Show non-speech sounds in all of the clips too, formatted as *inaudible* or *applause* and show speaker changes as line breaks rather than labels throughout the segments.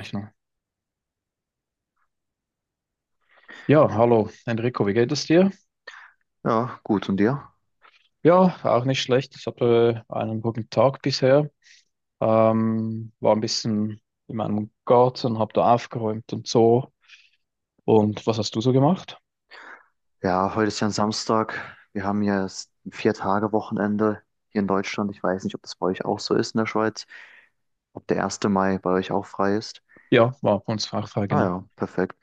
Rechnung. Ja, hallo Enrico, wie geht es dir?
Ja, gut. Und dir?
Ja, auch nicht schlecht. Ich hatte einen guten Tag bisher. War ein bisschen in meinem Garten, habe da aufgeräumt und so. Und was hast du so gemacht?
Ja, heute ist ja ein Samstag. Wir haben hier ein Vier-Tage-Wochenende hier in Deutschland. Ich weiß nicht, ob das bei euch auch so ist in der Schweiz, ob der erste Mai bei euch auch frei ist.
Ja, war bei uns Fachfrage,
Ah
genau.
ja, perfekt.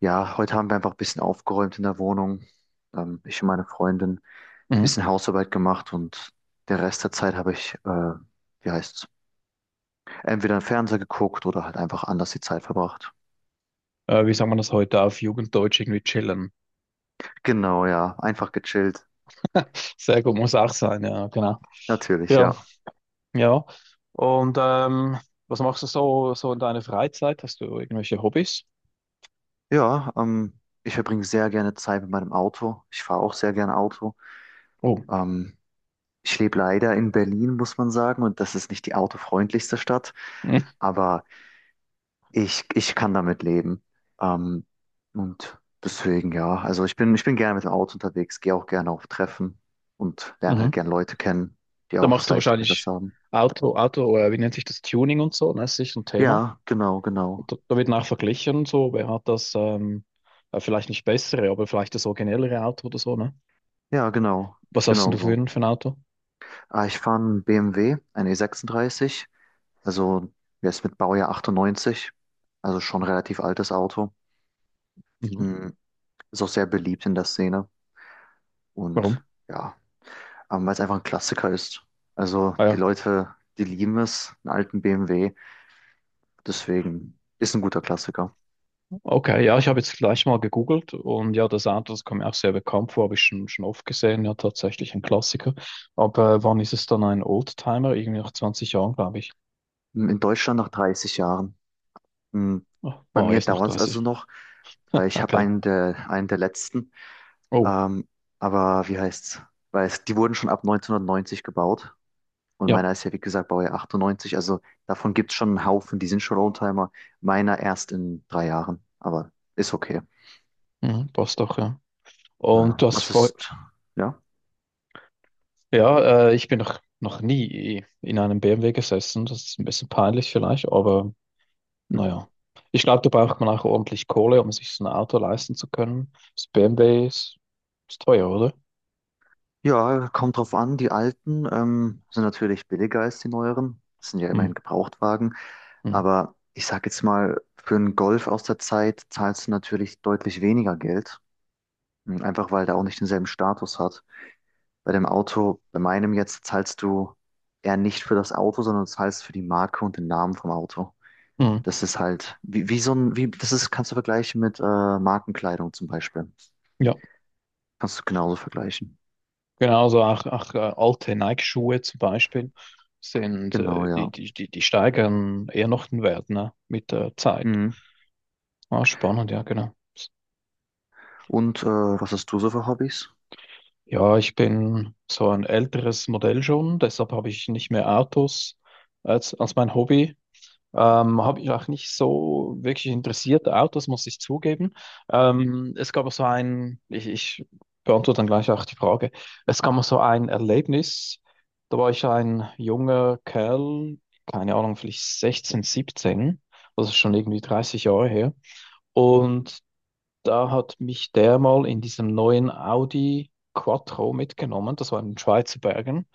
Ja, heute haben wir einfach ein bisschen aufgeräumt in der Wohnung. Ich und meine Freundin ein bisschen
Mhm.
Hausarbeit gemacht und der Rest der Zeit habe ich, wie heißt's, entweder im Fernseher geguckt oder halt einfach anders die Zeit verbracht.
Wie sagt man das heute auf Jugenddeutsch? Irgendwie chillen.
Genau, ja, einfach gechillt.
*laughs* Sehr gut, muss auch sein, ja, genau.
Natürlich,
Ja,
ja.
ja. Und was machst du so, so in deiner Freizeit? Hast du irgendwelche Hobbys?
Ja, ich verbringe sehr gerne Zeit mit meinem Auto. Ich fahre auch sehr gerne Auto.
Oh.
Ähm, Ich lebe leider in Berlin, muss man sagen, und das ist nicht die autofreundlichste Stadt,
*laughs*
aber ich kann damit leben. Ähm, und deswegen, ja, also ich bin gerne mit dem Auto unterwegs, gehe auch gerne auf Treffen und lerne halt
Mhm.
gerne Leute kennen, die
Da
auch das
machst du
gleiche
wahrscheinlich
Interesse haben.
Wie nennt sich das, Tuning und so, ne? Das ist sicher ein Thema.
Ja, genau, genau.
Und da wird auch verglichen und so, wer hat das, vielleicht nicht bessere, aber vielleicht das originellere Auto oder so, ne?
Ja, genau,
Was hast denn
genau
du
so.
für ein Auto?
Ah, ich fahre einen BMW, einen E36. Also der ist mit Baujahr 98, also schon relativ altes Auto.
Mhm.
Mm, ist auch sehr beliebt in der Szene
Warum?
und ja, weil es einfach ein Klassiker ist. Also
Ah
die
ja,
Leute, die lieben es, einen alten BMW, deswegen ist ein guter Klassiker.
okay, ja, ich habe jetzt gleich mal gegoogelt und ja, das Auto, das kommt mir auch sehr bekannt vor, habe ich schon oft gesehen, ja, tatsächlich ein Klassiker. Aber wann ist es dann ein Oldtimer? Irgendwie nach 20 Jahren, glaube ich.
Mm, in Deutschland nach 30 Jahren. Mm,
Ah,
bei
oh,
mir
jetzt noch
dauert es
30.
also noch, weil ich habe
Okay.
einen der letzten.
Oh,
Ähm, aber wie heißt's? Die wurden schon ab 1990 gebaut. Und
ja,
meiner ist ja, wie gesagt, Baujahr 98. Also davon gibt es schon einen Haufen, die sind schon Oldtimer. Meiner erst in 3 Jahren, aber ist okay.
mhm, passt doch, ja. Und du
Ja.
hast
Was
vor,
ist, ja.
ja, ich bin noch nie in einem BMW gesessen. Das ist ein bisschen peinlich vielleicht, aber
Hm.
naja. Ich glaube, da braucht man auch ordentlich Kohle, um sich so ein Auto leisten zu können. Das BMW ist teuer, oder?
Ja, kommt drauf an. Die alten sind natürlich billiger als die neueren. Das sind ja
Hm,
immerhin Gebrauchtwagen.
hm,
Aber ich sag jetzt mal, für einen Golf aus der Zeit zahlst du natürlich deutlich weniger Geld. Hm, einfach weil der auch nicht denselben Status hat. Bei dem Auto, bei meinem jetzt, zahlst du eher nicht für das Auto, sondern zahlst für die Marke und den Namen vom Auto.
hm.
Das ist halt, wie so ein, wie, das ist, kannst du vergleichen mit Markenkleidung zum Beispiel.
Ja,
Kannst du genauso vergleichen.
genauso auch alte Nike-Schuhe zum Beispiel sind,
Genau,
die,
ja.
die, die, die steigern eher noch den Wert, ne? Mit der Zeit.
Mhm.
Ah, spannend, ja, genau.
Und was hast du so für Hobbys?
Ja, ich bin so ein älteres Modell schon, deshalb habe ich nicht mehr Autos als mein Hobby. Habe ich auch nicht so wirklich interessiert, Autos, muss ich zugeben. Es gab auch so ein, ich beantworte dann gleich auch die Frage, es gab auch so ein Erlebnis, da war ich ein junger Kerl, keine Ahnung, vielleicht 16, 17, das ist schon irgendwie 30 Jahre her. Und da hat mich der mal in diesem neuen Audi Quattro mitgenommen. Das war in den Schweizer Bergen.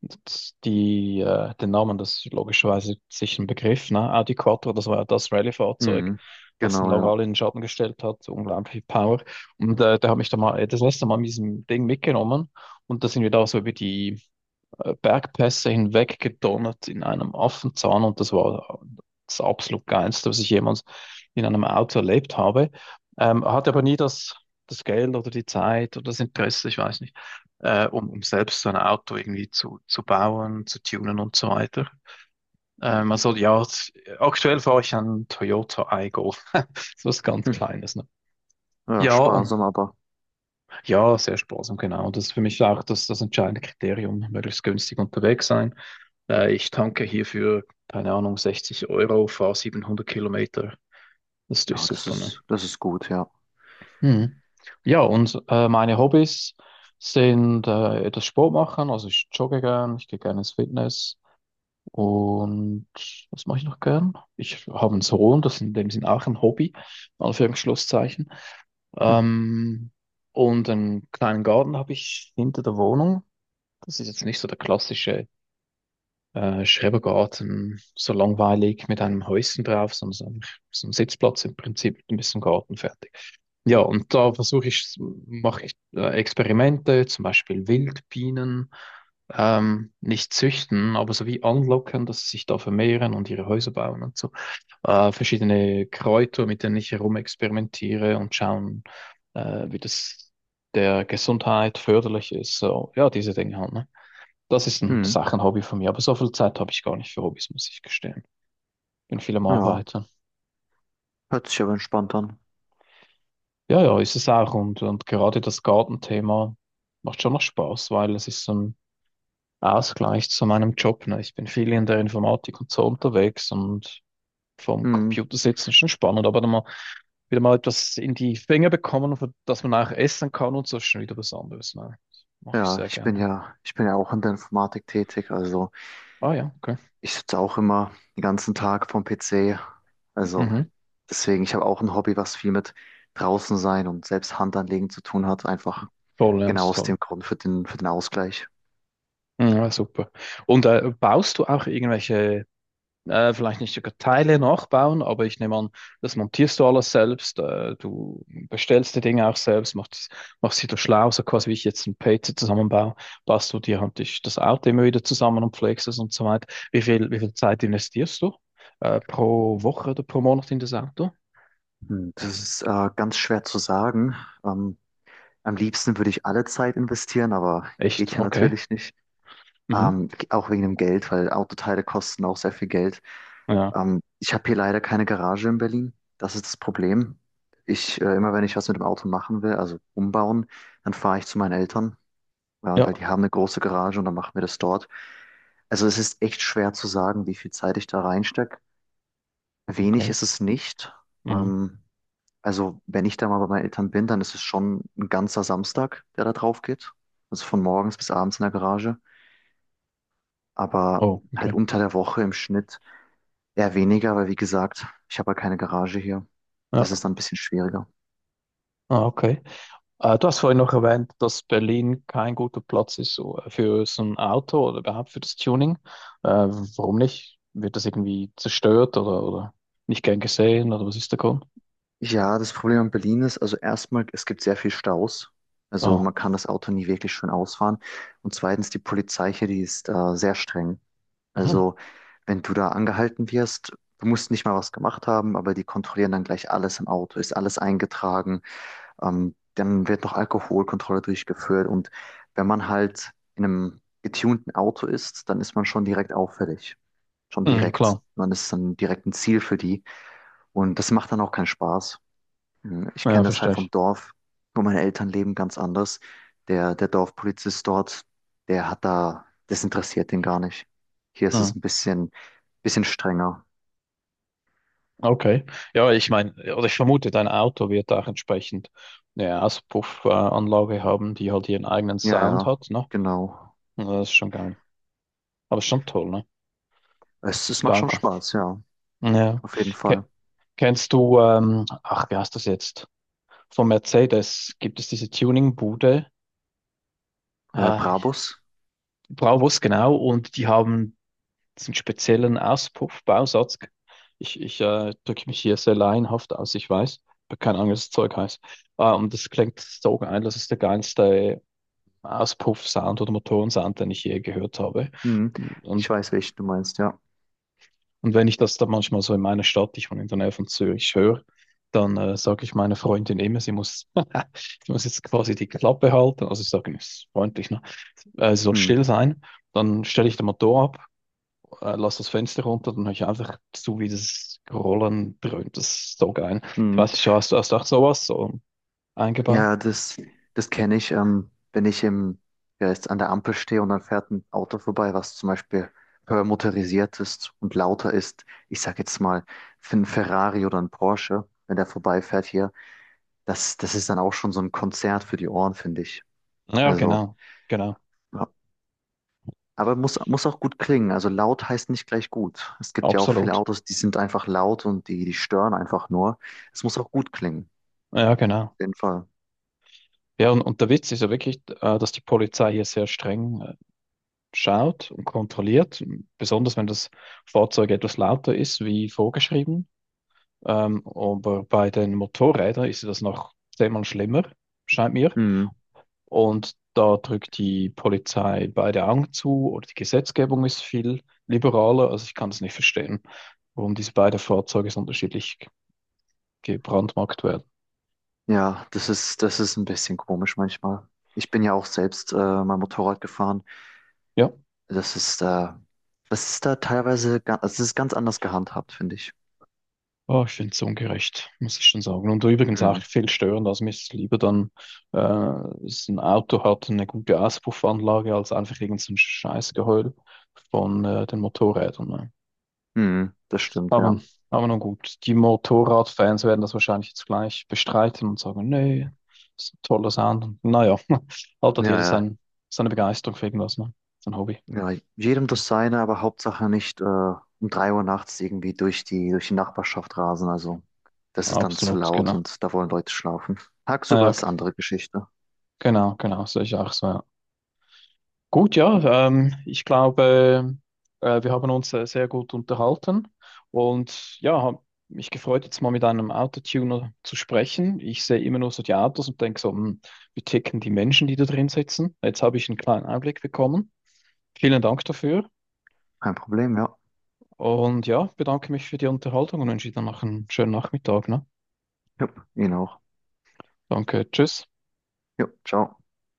Und den Namen, das ist logischerweise sicher ein Begriff, ne? Audi Quattro, das war ja das Rallye-Fahrzeug,
Mhm.
was den
Genau,
Lange
ja.
alle in den Schatten gestellt hat. Unglaublich viel Power. Und der hat mich da mal das letzte Mal mit diesem Ding mitgenommen. Und da sind wir da so über die Bergpässe hinweg gedonnert in einem Affenzahn und das war das absolut Geilste, was ich jemals in einem Auto erlebt habe. Hatte aber nie das Geld oder die Zeit oder das Interesse, ich weiß nicht, um selbst so ein Auto irgendwie zu bauen, zu tunen und so weiter. Also ja, aktuell fahre ich einen Toyota Aygo, *laughs* so was ganz
Hm.
Kleines. Ne?
Ja,
Ja, und
sparsam, aber
ja, sehr sparsam, genau. Das ist für mich auch das entscheidende Kriterium, möglichst günstig unterwegs sein. Ich tanke hierfür, keine Ahnung, 60 Euro, fahre 700 km. Das ist natürlich
ja,
super, ne?
das ist gut, ja.
Mhm. Ja, und meine Hobbys sind etwas Sport machen, also ich jogge gern, ich gehe gerne ins Fitness und was mache ich noch gern? Ich habe einen Sohn, das ist in dem Sinn auch ein Hobby, in Anführungsschlusszeichen.
Hm.
Ähm, und einen kleinen Garten habe ich hinter der Wohnung. Das ist jetzt nicht so der klassische Schrebergarten, so langweilig mit einem Häuschen drauf, sondern so ein Sitzplatz im Prinzip mit ein bisschen Garten fertig. Ja, und mache ich Experimente, zum Beispiel Wildbienen, nicht züchten, aber so wie anlocken, dass sie sich da vermehren und ihre Häuser bauen und so. Verschiedene Kräuter, mit denen ich herumexperimentiere und schauen, wie das der Gesundheit förderlich ist. So, ja, diese Dinge halt, ne? Das
Hm.
ist auch ein Hobby von mir, aber so viel Zeit habe ich gar nicht für Hobbys, muss ich gestehen. Bin viel am
Ja,
Arbeiten.
hört sich aber entspannt an.
Ja, ja, ist es auch. Und gerade das Gartenthema macht schon noch Spaß, weil es ist so ein Ausgleich zu meinem Job. Ne? Ich bin viel in der Informatik und so unterwegs und vom
Hm.
Computer sitzen ist schon spannend, aber dann mal wieder mal etwas in die Finger bekommen, für das man auch essen kann und so ist schon wieder was anderes. Ne? Das mache ich
Ja,
sehr gerne.
ich bin ja auch in der Informatik tätig, also.
Ah ja, okay.
Ich sitze auch immer den ganzen Tag vorm PC. Also
Mhm.
deswegen, ich habe auch ein Hobby, was viel mit draußen sein und selbst Hand anlegen zu tun hat. Einfach
Toll, ja, das
genau
ist
aus
toll.
dem Grund für für den Ausgleich.
Ja, super. Und baust du auch irgendwelche vielleicht nicht sogar Teile nachbauen, aber ich nehme an, das montierst du alles selbst. Du bestellst die Dinge auch selbst, machst sie da schlau, so quasi wie ich jetzt ein PC zusammenbaue, baust du dir halt das Auto immer wieder zusammen und pflegst es und so weiter. Wie viel Zeit investierst du pro Woche oder pro Monat in das Auto?
Hm, das ist ganz schwer zu sagen. Ähm, Am liebsten würde ich alle Zeit investieren, aber
Echt?
geht ja
Okay.
natürlich nicht.
Mhm.
Auch wegen dem Geld, weil Autoteile kosten auch sehr viel Geld.
Ja.
Ich habe hier leider keine Garage in Berlin. Das ist das Problem. Immer wenn ich was mit dem Auto machen will, also umbauen, dann fahre ich zu meinen Eltern, ja, weil
Ja.
die haben eine große Garage und dann machen wir das dort. Also es ist echt schwer zu sagen, wie viel Zeit ich da reinstecke. Wenig
Okay.
ist es nicht.
Mhm.
Ähm, also wenn ich da mal bei meinen Eltern bin, dann ist es schon ein ganzer Samstag, der da drauf geht. Also von morgens bis abends in der Garage, aber
Oh,
halt
okay.
unter der Woche im Schnitt eher weniger, weil wie gesagt, ich habe ja keine Garage hier. Das
Ja.
ist dann ein bisschen schwieriger.
Ah, okay. Du hast vorhin noch erwähnt, dass Berlin kein guter Platz ist so, für so ein Auto oder überhaupt für das Tuning. Warum nicht? Wird das irgendwie zerstört oder nicht gern gesehen oder was ist der Grund?
Ja, das Problem in Berlin ist, also erstmal, es gibt sehr viel Staus. Also
Ah,
man kann das Auto nie wirklich schön ausfahren. Und zweitens, die Polizei hier, die ist sehr streng.
mhm.
Also wenn du da angehalten wirst, du musst nicht mal was gemacht haben, aber die kontrollieren dann gleich alles im Auto. Ist alles eingetragen? Dann wird noch Alkoholkontrolle durchgeführt und wenn man halt in einem getunten Auto ist, dann ist man schon direkt auffällig. Schon
Mhm,
direkt.
klar.
Man ist dann direkt ein Ziel für die. Und das macht dann auch keinen Spaß. Hm, ich
Ja,
kenne das
verstehe
halt vom
ich.
Dorf, wo meine Eltern leben, ganz anders. Der Dorfpolizist dort, der hat da, das interessiert den gar nicht. Hier ist
Mhm.
es ein bisschen strenger.
Okay. Ja, ich meine, oder ich vermute, dein Auto wird auch entsprechend eine Auspuffanlage haben, die halt ihren eigenen
Ja,
Sound
ja,
hat, ne?
genau.
Ja, das ist schon geil. Aber schon toll, ne? Dass
Es,
man es
es macht
bauen
schon
kann.
Spaß, ja,
Ja.
auf jeden
Ke-
Fall.
Kennst du, ach, wie heißt das jetzt? Von Mercedes gibt es diese Tuning-Bude, äh,
Brabus?
Braavos genau, und die haben diesen speziellen Auspuffbausatz. Ich drücke mich hier sehr laienhaft aus, ich weiß, aber keine Ahnung, was das Zeug heißt. Und das klingt so geil, das ist der geilste Auspuff-Sound oder Motorensound, den ich je gehört habe.
Hm. Ich
Und
weiß, welchen du meinst, ja.
Und wenn ich das dann manchmal so in meiner Stadt, ich wohne in der Nähe von Zürich, höre, dann sage ich meiner Freundin immer, *laughs* sie muss jetzt quasi die Klappe halten. Also ich sage, ist freundlich, ne? Sie soll
Hm.
still sein. Dann stelle ich den Motor ab, lasse das Fenster runter, dann höre ich einfach zu, wie das Rollen dröhnt. Das ist so geil. Ich
Hm.
weiß nicht, hast du auch sowas so eingebaut?
Ja, das kenne ich, wenn ich im, ja, jetzt an der Ampel stehe und dann fährt ein Auto vorbei, was zum Beispiel höher motorisiert ist und lauter ist. Ich sag jetzt mal, für einen Ferrari oder einen Porsche, wenn der vorbeifährt hier, das ist dann auch schon so ein Konzert für die Ohren, finde ich.
Ja,
Also,
genau, genau,
ja. Aber muss auch gut klingen. Also laut heißt nicht gleich gut. Es gibt ja auch viele
absolut.
Autos, die sind einfach laut und die stören einfach nur. Es muss auch gut klingen.
Ja,
Auf
genau.
jeden Fall.
Ja, und der Witz ist ja wirklich, dass die Polizei hier sehr streng schaut und kontrolliert, besonders wenn das Fahrzeug etwas lauter ist wie vorgeschrieben. Aber bei den Motorrädern ist das noch zehnmal schlimmer, scheint mir.
Mhm.
Und da drückt die Polizei beide Augen zu oder die Gesetzgebung ist viel liberaler. Also ich kann es nicht verstehen, warum diese beiden Fahrzeuge so unterschiedlich gebrandmarkt werden.
Ja, das ist ein bisschen komisch manchmal. Ich bin ja auch selbst mal Motorrad gefahren.
Ja.
Das ist da, Das ist da teilweise, also es ist ganz anders gehandhabt, finde ich.
Oh, ich finde es ungerecht, muss ich schon sagen. Und übrigens auch
Mhm.
viel störender. Also mir ist es lieber dann, dass ein Auto hat eine gute Auspuffanlage, als einfach irgend so ein Scheißgeheul von den Motorrädern. Ne?
Mhm. Das stimmt,
Aber,
ja.
aber nun gut, die Motorradfans werden das wahrscheinlich jetzt gleich bestreiten und sagen, nee, das ist ein toller Sound. Und naja, *laughs* halt
Ja,
hat jeder
ja.
seine Begeisterung für irgendwas, ne? Sein Hobby.
Ja, jedem das seine, aber Hauptsache nicht um 3 Uhr nachts irgendwie durch durch die Nachbarschaft rasen. Also das ist dann zu
Absolut,
laut
genau.
und da wollen Leute schlafen. Tagsüber
Naja,
ist eine andere Geschichte.
genau, genau, sehe ich auch so. Ja. Gut, ja, ich glaube, wir haben uns sehr gut unterhalten und ja, habe mich gefreut, jetzt mal mit einem Autotuner zu sprechen. Ich sehe immer nur so die Autos und denke so, hm, wie ticken die Menschen, die da drin sitzen? Jetzt habe ich einen kleinen Einblick bekommen. Vielen Dank dafür
Kein Problem, ja.
und ja, bedanke mich für die Unterhaltung und wünsche dir noch einen schönen Nachmittag, ne?
Jupp, Ihnen auch.
Danke, tschüss.
Jupp, ciao.